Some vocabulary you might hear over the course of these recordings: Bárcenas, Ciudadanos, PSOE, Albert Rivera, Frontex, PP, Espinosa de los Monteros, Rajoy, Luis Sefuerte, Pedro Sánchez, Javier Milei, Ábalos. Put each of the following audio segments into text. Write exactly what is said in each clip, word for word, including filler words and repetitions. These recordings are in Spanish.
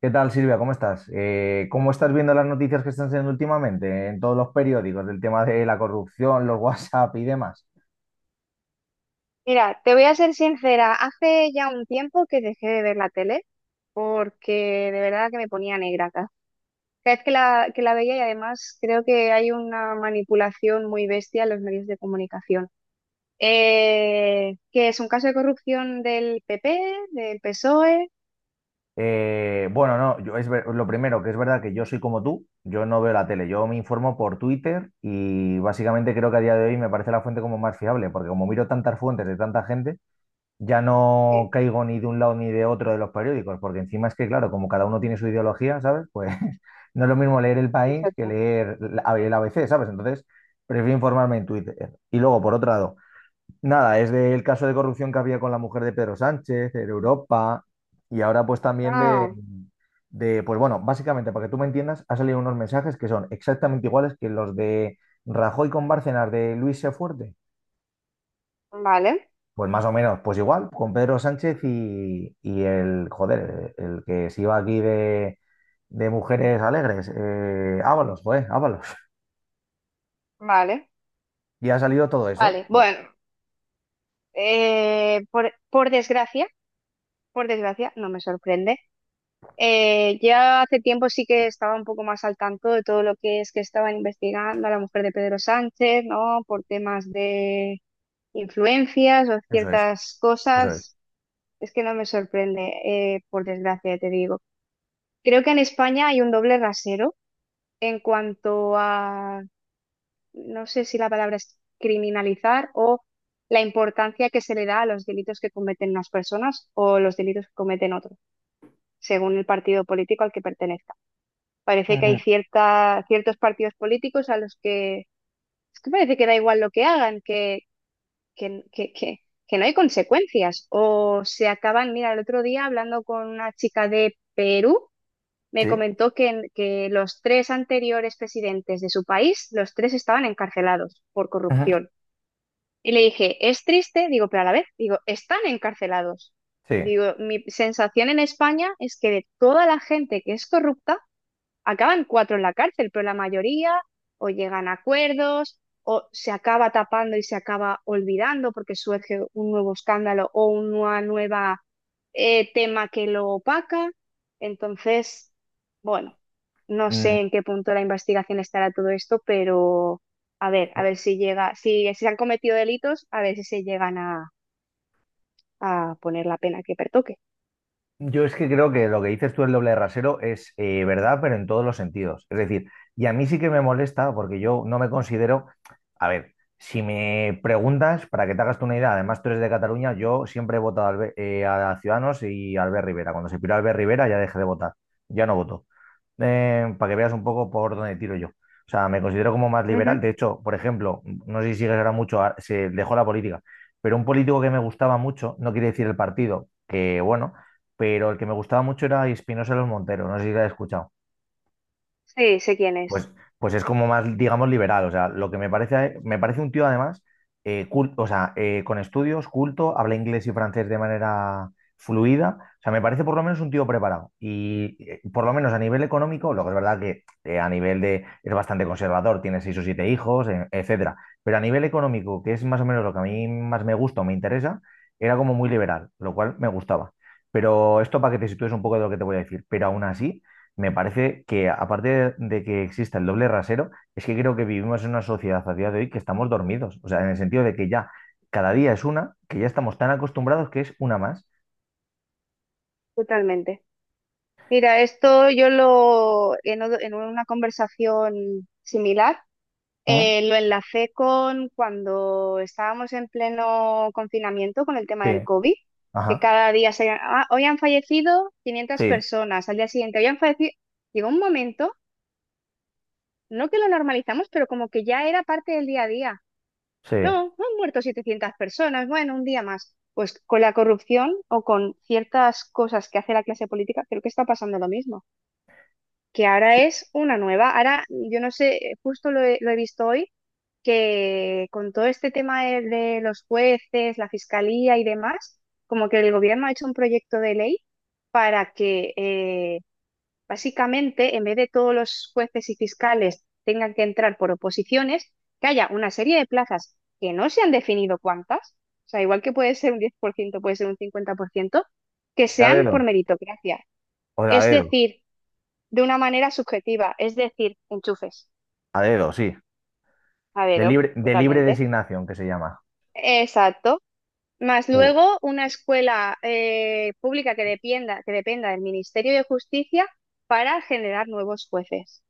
¿Qué tal, Silvia? ¿Cómo estás? Eh, ¿cómo estás viendo las noticias que están siendo últimamente en todos los periódicos del tema de la corrupción, los WhatsApp y demás? Mira, te voy a ser sincera, hace ya un tiempo que dejé de ver la tele porque de verdad que me ponía negra ca- cada vez que la, que la veía. Y además, creo que hay una manipulación muy bestia en los medios de comunicación. Eh, que es un caso de corrupción del P P, del PSOE. Eh, bueno, no, yo es ver- lo primero que es verdad que yo soy como tú, yo no veo la tele, yo me informo por Twitter y básicamente creo que a día de hoy me parece la fuente como más fiable, porque como miro tantas fuentes de tanta gente, ya no Sí, caigo ni de un lado ni de otro de los periódicos, porque encima es que, claro, como cada uno tiene su ideología, ¿sabes? Pues no es lo mismo leer El sí, País que exacto. leer la- el A B C, ¿sabes? Entonces, prefiero informarme en Twitter. Y luego, por otro lado, nada, es del caso de corrupción que había con la mujer de Pedro Sánchez, en Europa, y ahora pues también de... Ah, de, pues bueno, básicamente, para que tú me entiendas, ha salido unos mensajes que son exactamente iguales que los de Rajoy con Bárcenas de Luis Sefuerte, vale, pues más o menos, pues igual, con Pedro Sánchez y, y el, joder, el que se iba aquí de, de Mujeres Alegres, eh, Ábalos, joder, Ábalos. vale, Y ha salido todo eso. vale. Pues Bueno, eh, por, por desgracia, por desgracia, no me sorprende. Eh, ya hace tiempo sí que estaba un poco más al tanto de todo lo que es que estaban investigando a la mujer de Pedro Sánchez, ¿no? Por temas de influencias o eso es, ciertas eso es. cosas. Es que no me sorprende, eh, por desgracia, te digo. Creo que en España hay un doble rasero en cuanto a, no sé si la palabra es criminalizar o la importancia que se le da a los delitos que cometen unas personas o los delitos que cometen otros, según el partido político al que pertenezca. Parece que hay Ujú. cierta, ciertos partidos políticos a los que es que parece que da igual lo que hagan, que, que, que, que, que no hay consecuencias. O se acaban, mira, el otro día hablando con una chica de Perú, me Sí, comentó que, en- que los tres anteriores presidentes de su país, los tres estaban encarcelados por ujú. corrupción. Y le dije, es triste, digo, pero a la vez, digo, están encarcelados. Sí. Digo, mi sensación en España es que de toda la gente que es corrupta, acaban cuatro en la cárcel, pero la mayoría o llegan a acuerdos o se acaba tapando y se acaba olvidando porque surge un nuevo escándalo o una nueva eh, tema que lo opaca. Entonces, bueno, no Mm. sé en qué punto de la investigación estará todo esto, pero a ver, a ver si llega, si, si se han cometido delitos, a ver si se llegan a, a poner la pena que pertoque. Yo es que creo que lo que dices tú el doble de rasero es eh, verdad, pero en todos los sentidos. Es decir, y a mí sí que me molesta porque yo no me considero, a ver, si me preguntas, para que te hagas tú una idea, además tú eres de Cataluña, yo siempre he votado al B- eh, a Ciudadanos y a Albert Rivera. Cuando se piró Albert Rivera ya dejé de votar, ya no voto. Eh, para que veas un poco por dónde tiro yo. O sea, me considero como más liberal. Ujú. De hecho, por ejemplo, no sé si sigues ahora mucho, a- se dejó la política, pero un político que me gustaba mucho, no quiere decir el partido, que bueno, pero el que me gustaba mucho era Espinosa de los Monteros, no sé si lo has escuchado. Sí, sé quién Pues, es, pues es como más, digamos, liberal. O sea, lo que me parece, me parece un tío además, eh, cul- o sea, eh, con estudios, culto, habla inglés y francés de manera fluida. O sea, me parece por lo menos un tío preparado. Y eh, por lo menos a nivel económico, lo que es verdad que eh, a nivel de es bastante conservador, tiene seis o siete hijos, eh, etcétera. Pero a nivel económico, que es más o menos lo que a mí más me gusta o me interesa, era como muy liberal, lo cual me gustaba. Pero esto para que te sitúes un poco de lo que te voy a decir. Pero aún así me parece que, aparte de, de que exista el doble rasero, es que creo que vivimos en una sociedad a día de hoy que estamos dormidos. O sea, en el sentido de que ya cada día es una, que ya estamos tan acostumbrados que es una más. totalmente. Mira, esto yo lo, en, o- en una conversación similar, ¿Mm? eh, lo enlacé con cuando estábamos en pleno confinamiento con el tema del Sí, COVID, que ajá, cada día se, "Ah, hoy han fallecido quinientas sí, personas", al día siguiente, "Hoy han fallecido". Llegó un momento, no que lo normalizamos, pero como que ya era parte del día a día. sí. No, no han muerto setecientas personas, bueno, un día más. Pues con la corrupción o con ciertas cosas que hace la clase política, creo que está pasando lo mismo, que ahora Sí. es una nueva. Ahora, yo no sé, eh, justo lo he, lo he visto hoy, que con todo este tema de, de los jueces, la fiscalía y demás, como que el gobierno ha hecho un proyecto de ley para que eh, básicamente, en vez de todos los jueces y fiscales tengan que entrar por oposiciones, que haya una serie de plazas que no se han definido cuántas, o sea, igual que puede ser un diez por ciento, puede ser un cincuenta por ciento que Que sea a sean por dedo, meritocracia. o de a Es dedo, decir, de una manera subjetiva, es decir, enchufes a dedo, sí. a De dedo, libre, de libre totalmente. designación, que se llama. Exacto. Más Jo- luego una escuela eh, pública que dependa, que dependa del Ministerio de Justicia para generar nuevos jueces.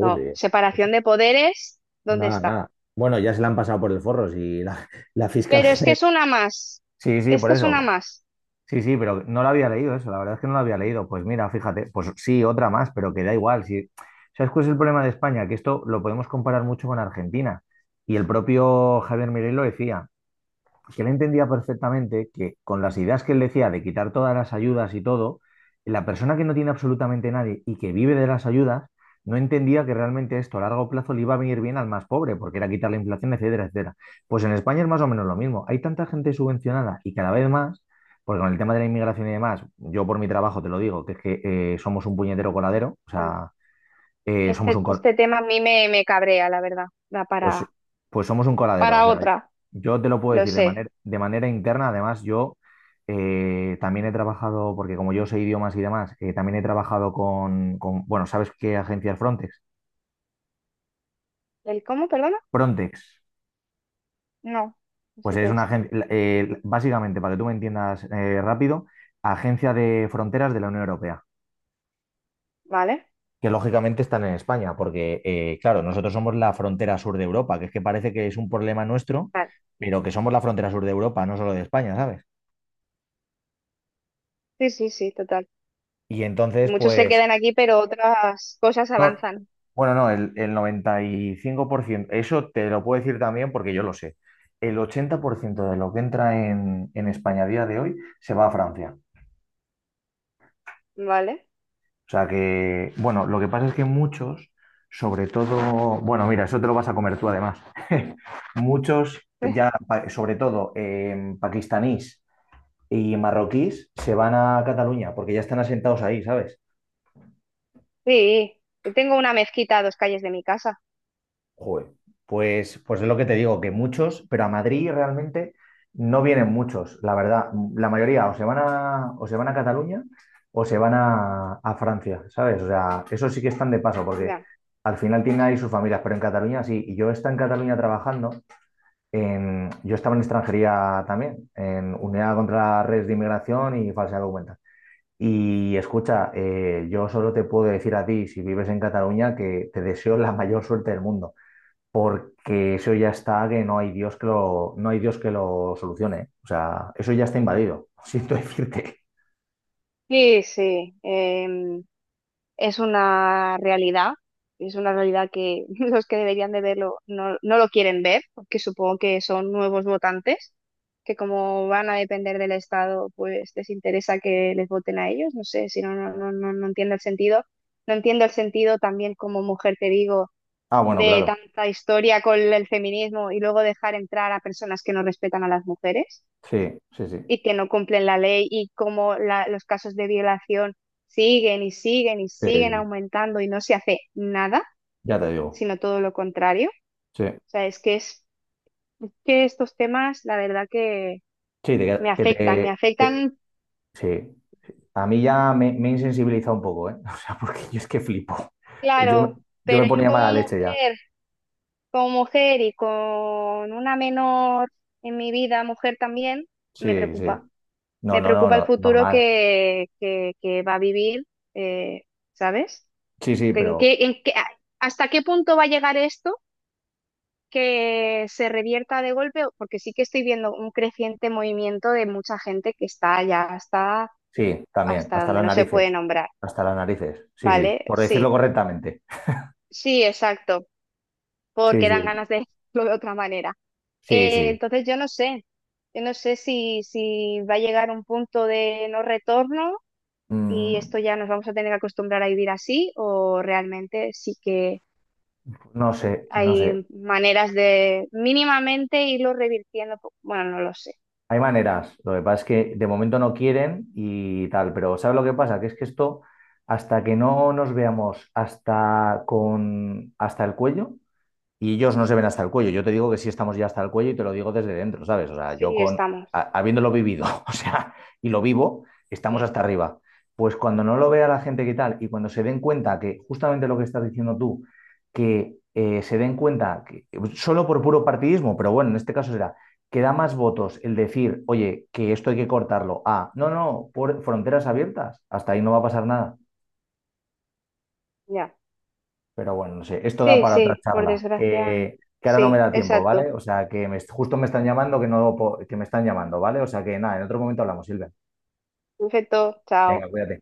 No, eso- separación de poderes, ¿dónde nada, está? nada. Bueno, ya se la han pasado por el forro, si la, la fiscal Pero es que general. es una más, Sí, sí, es por que es una eso. más. Sí, sí, pero no lo había leído eso, la verdad es que no lo había leído. Pues mira, fíjate, pues sí, otra más, pero que da igual. Sí. ¿Sabes cuál es el problema de España? Que esto lo podemos comparar mucho con Argentina. Y el propio Javier Milei lo decía, que él entendía perfectamente que con las ideas que él decía de quitar todas las ayudas y todo, la persona que no tiene absolutamente nadie y que vive de las ayudas, no entendía que realmente esto a largo plazo le iba a venir bien al más pobre, porque era quitar la inflación, etcétera, etcétera. Pues en España es más o menos lo mismo. Hay tanta gente subvencionada y cada vez más, porque con el tema de la inmigración y demás, yo por mi trabajo te lo digo, que es que eh, somos un puñetero coladero, o Bueno, sea, eh, somos este, un, este tema a mí me, me cabrea, la verdad. Da pues, para, pues somos un coladero, o para sea, otra, yo te lo puedo lo decir de sé. manera, de manera interna, además yo eh, también he trabajado, porque como yo sé idiomas y demás, eh, también he trabajado con, con- bueno, ¿sabes qué agencia es Frontex? ¿El cómo, perdona? Frontex, No, no pues sé es qué una es. agencia, básicamente, para que tú me entiendas eh, rápido, agencia de fronteras de la Unión Europea, ¿Vale? que lógicamente están en España, porque eh, claro, nosotros somos la frontera sur de Europa, que es que parece que es un problema nuestro, Vale. pero que somos la frontera sur de Europa, no solo de España, ¿sabes? Sí, sí, sí, total. Y Que entonces, muchos se pues quedan aquí, pero otras cosas no, avanzan, bueno, no, el, el noventa y cinco por ciento, eso te lo puedo decir también porque yo lo sé. El ochenta por ciento de lo que entra en, en España a día de hoy se va a Francia. ¿vale? O sea que, bueno, lo que pasa es que muchos, sobre todo, bueno, mira, eso te lo vas a comer tú además. Muchos, Eh, ya, pa- sobre todo eh, pakistaníes y marroquíes, se van a Cataluña porque ya están asentados ahí, ¿sabes? sí, yo tengo una mezquita a dos calles de mi casa. Joder, pues, pues es lo que te digo, que muchos, pero a Madrid realmente no vienen muchos, la verdad. La mayoría o se van a, o se van a Cataluña o se van a, a Francia, ¿sabes? O sea, eso sí que están de paso, porque Ya. al final tienen ahí sus familias, pero en Cataluña sí. Y yo estaba en Cataluña trabajando, en- yo estaba en extranjería también, en Unidad contra Redes de Inmigración y Falsedad de Documental. Y escucha, eh, yo solo te puedo decir a ti, si vives en Cataluña, que te deseo la mayor suerte del mundo porque eso ya está que no hay Dios que lo, no hay Dios que lo solucione. O sea, eso ya está invadido, siento decirte. Sí, sí, em, es una realidad, es una realidad que los que deberían de verlo no, no lo quieren ver, porque supongo que son nuevos votantes, que como van a depender del Estado, pues les interesa que les voten a ellos, no sé, si no, no, no, no no entiendo el sentido. No entiendo el sentido también como mujer, te digo, Ah, bueno, de claro. tanta historia con el feminismo y luego dejar entrar a personas que no respetan a las mujeres Sí, sí, sí. y que no cumplen la ley y cómo la- los casos de violación siguen y siguen y Sí, siguen sí. aumentando y no se hace nada, Ya te digo. sino todo lo contrario. Sí. O sea, es que es, es que estos temas, la verdad que Sí, de me que, que afectan, me te, te-. afectan, Sí. A mí ya me, me he insensibilizado un poco, ¿eh? O sea, porque yo es que flipo. Yo, me- claro, yo me pero yo ponía como mala leche ya. mujer, como mujer y con una menor en mi vida, mujer también, me Sí, sí. preocupa. No, Me no, no, preocupa el no, futuro normal. que, que, que va a vivir, eh, ¿sabes? Sí, sí, ¿En pero qué, en qué- a- ¿hasta qué punto va a llegar esto que se revierta de golpe? Porque sí que estoy viendo un creciente movimiento de mucha gente que está ya hasta, sí, también. hasta Hasta donde las no se puede narices. nombrar, Hasta las narices. Sí, sí. ¿vale? Por decirlo Sí, correctamente. sí, exacto, Sí, porque dan sí. ganas de decirlo de otra manera. Sí, Eh, sí. entonces yo no sé, yo no sé si, si va a llegar un punto de no retorno y Mm, esto ya nos vamos a tener que acostumbrar a vivir así, o realmente sí que no sé, no sé. hay maneras de mínimamente irlo revirtiendo. po- Bueno, no lo sé. Hay maneras. Lo que pasa es que de momento no quieren y tal, pero ¿sabes lo que pasa? Que es que esto, hasta que no nos veamos hasta con, hasta el cuello, y ellos no se ven hasta el cuello. Yo te digo que sí estamos ya hasta el cuello y te lo digo desde dentro, ¿sabes? O sea, Sí, yo con, estamos. a- habiéndolo vivido, o sea, y lo vivo, estamos Ya. hasta arriba. Pues cuando no lo vea la gente que tal y cuando se den cuenta que justamente lo que estás diciendo tú, que eh, se den cuenta, que, solo por puro partidismo, pero bueno, en este caso será, que da más votos el decir, oye, que esto hay que cortarlo, a, no, no, por fronteras abiertas, hasta ahí no va a pasar nada. Ya. Pero bueno, no sé, esto da Sí, para otra sí, por charla, desgracia. que, que ahora no me Sí, da tiempo, exacto. ¿vale? O sea, que me- justo me están llamando, que no, po- que me están llamando, ¿vale? O sea, que nada, en otro momento hablamos, Silvia. Perfecto, chao. Venga, cuídate.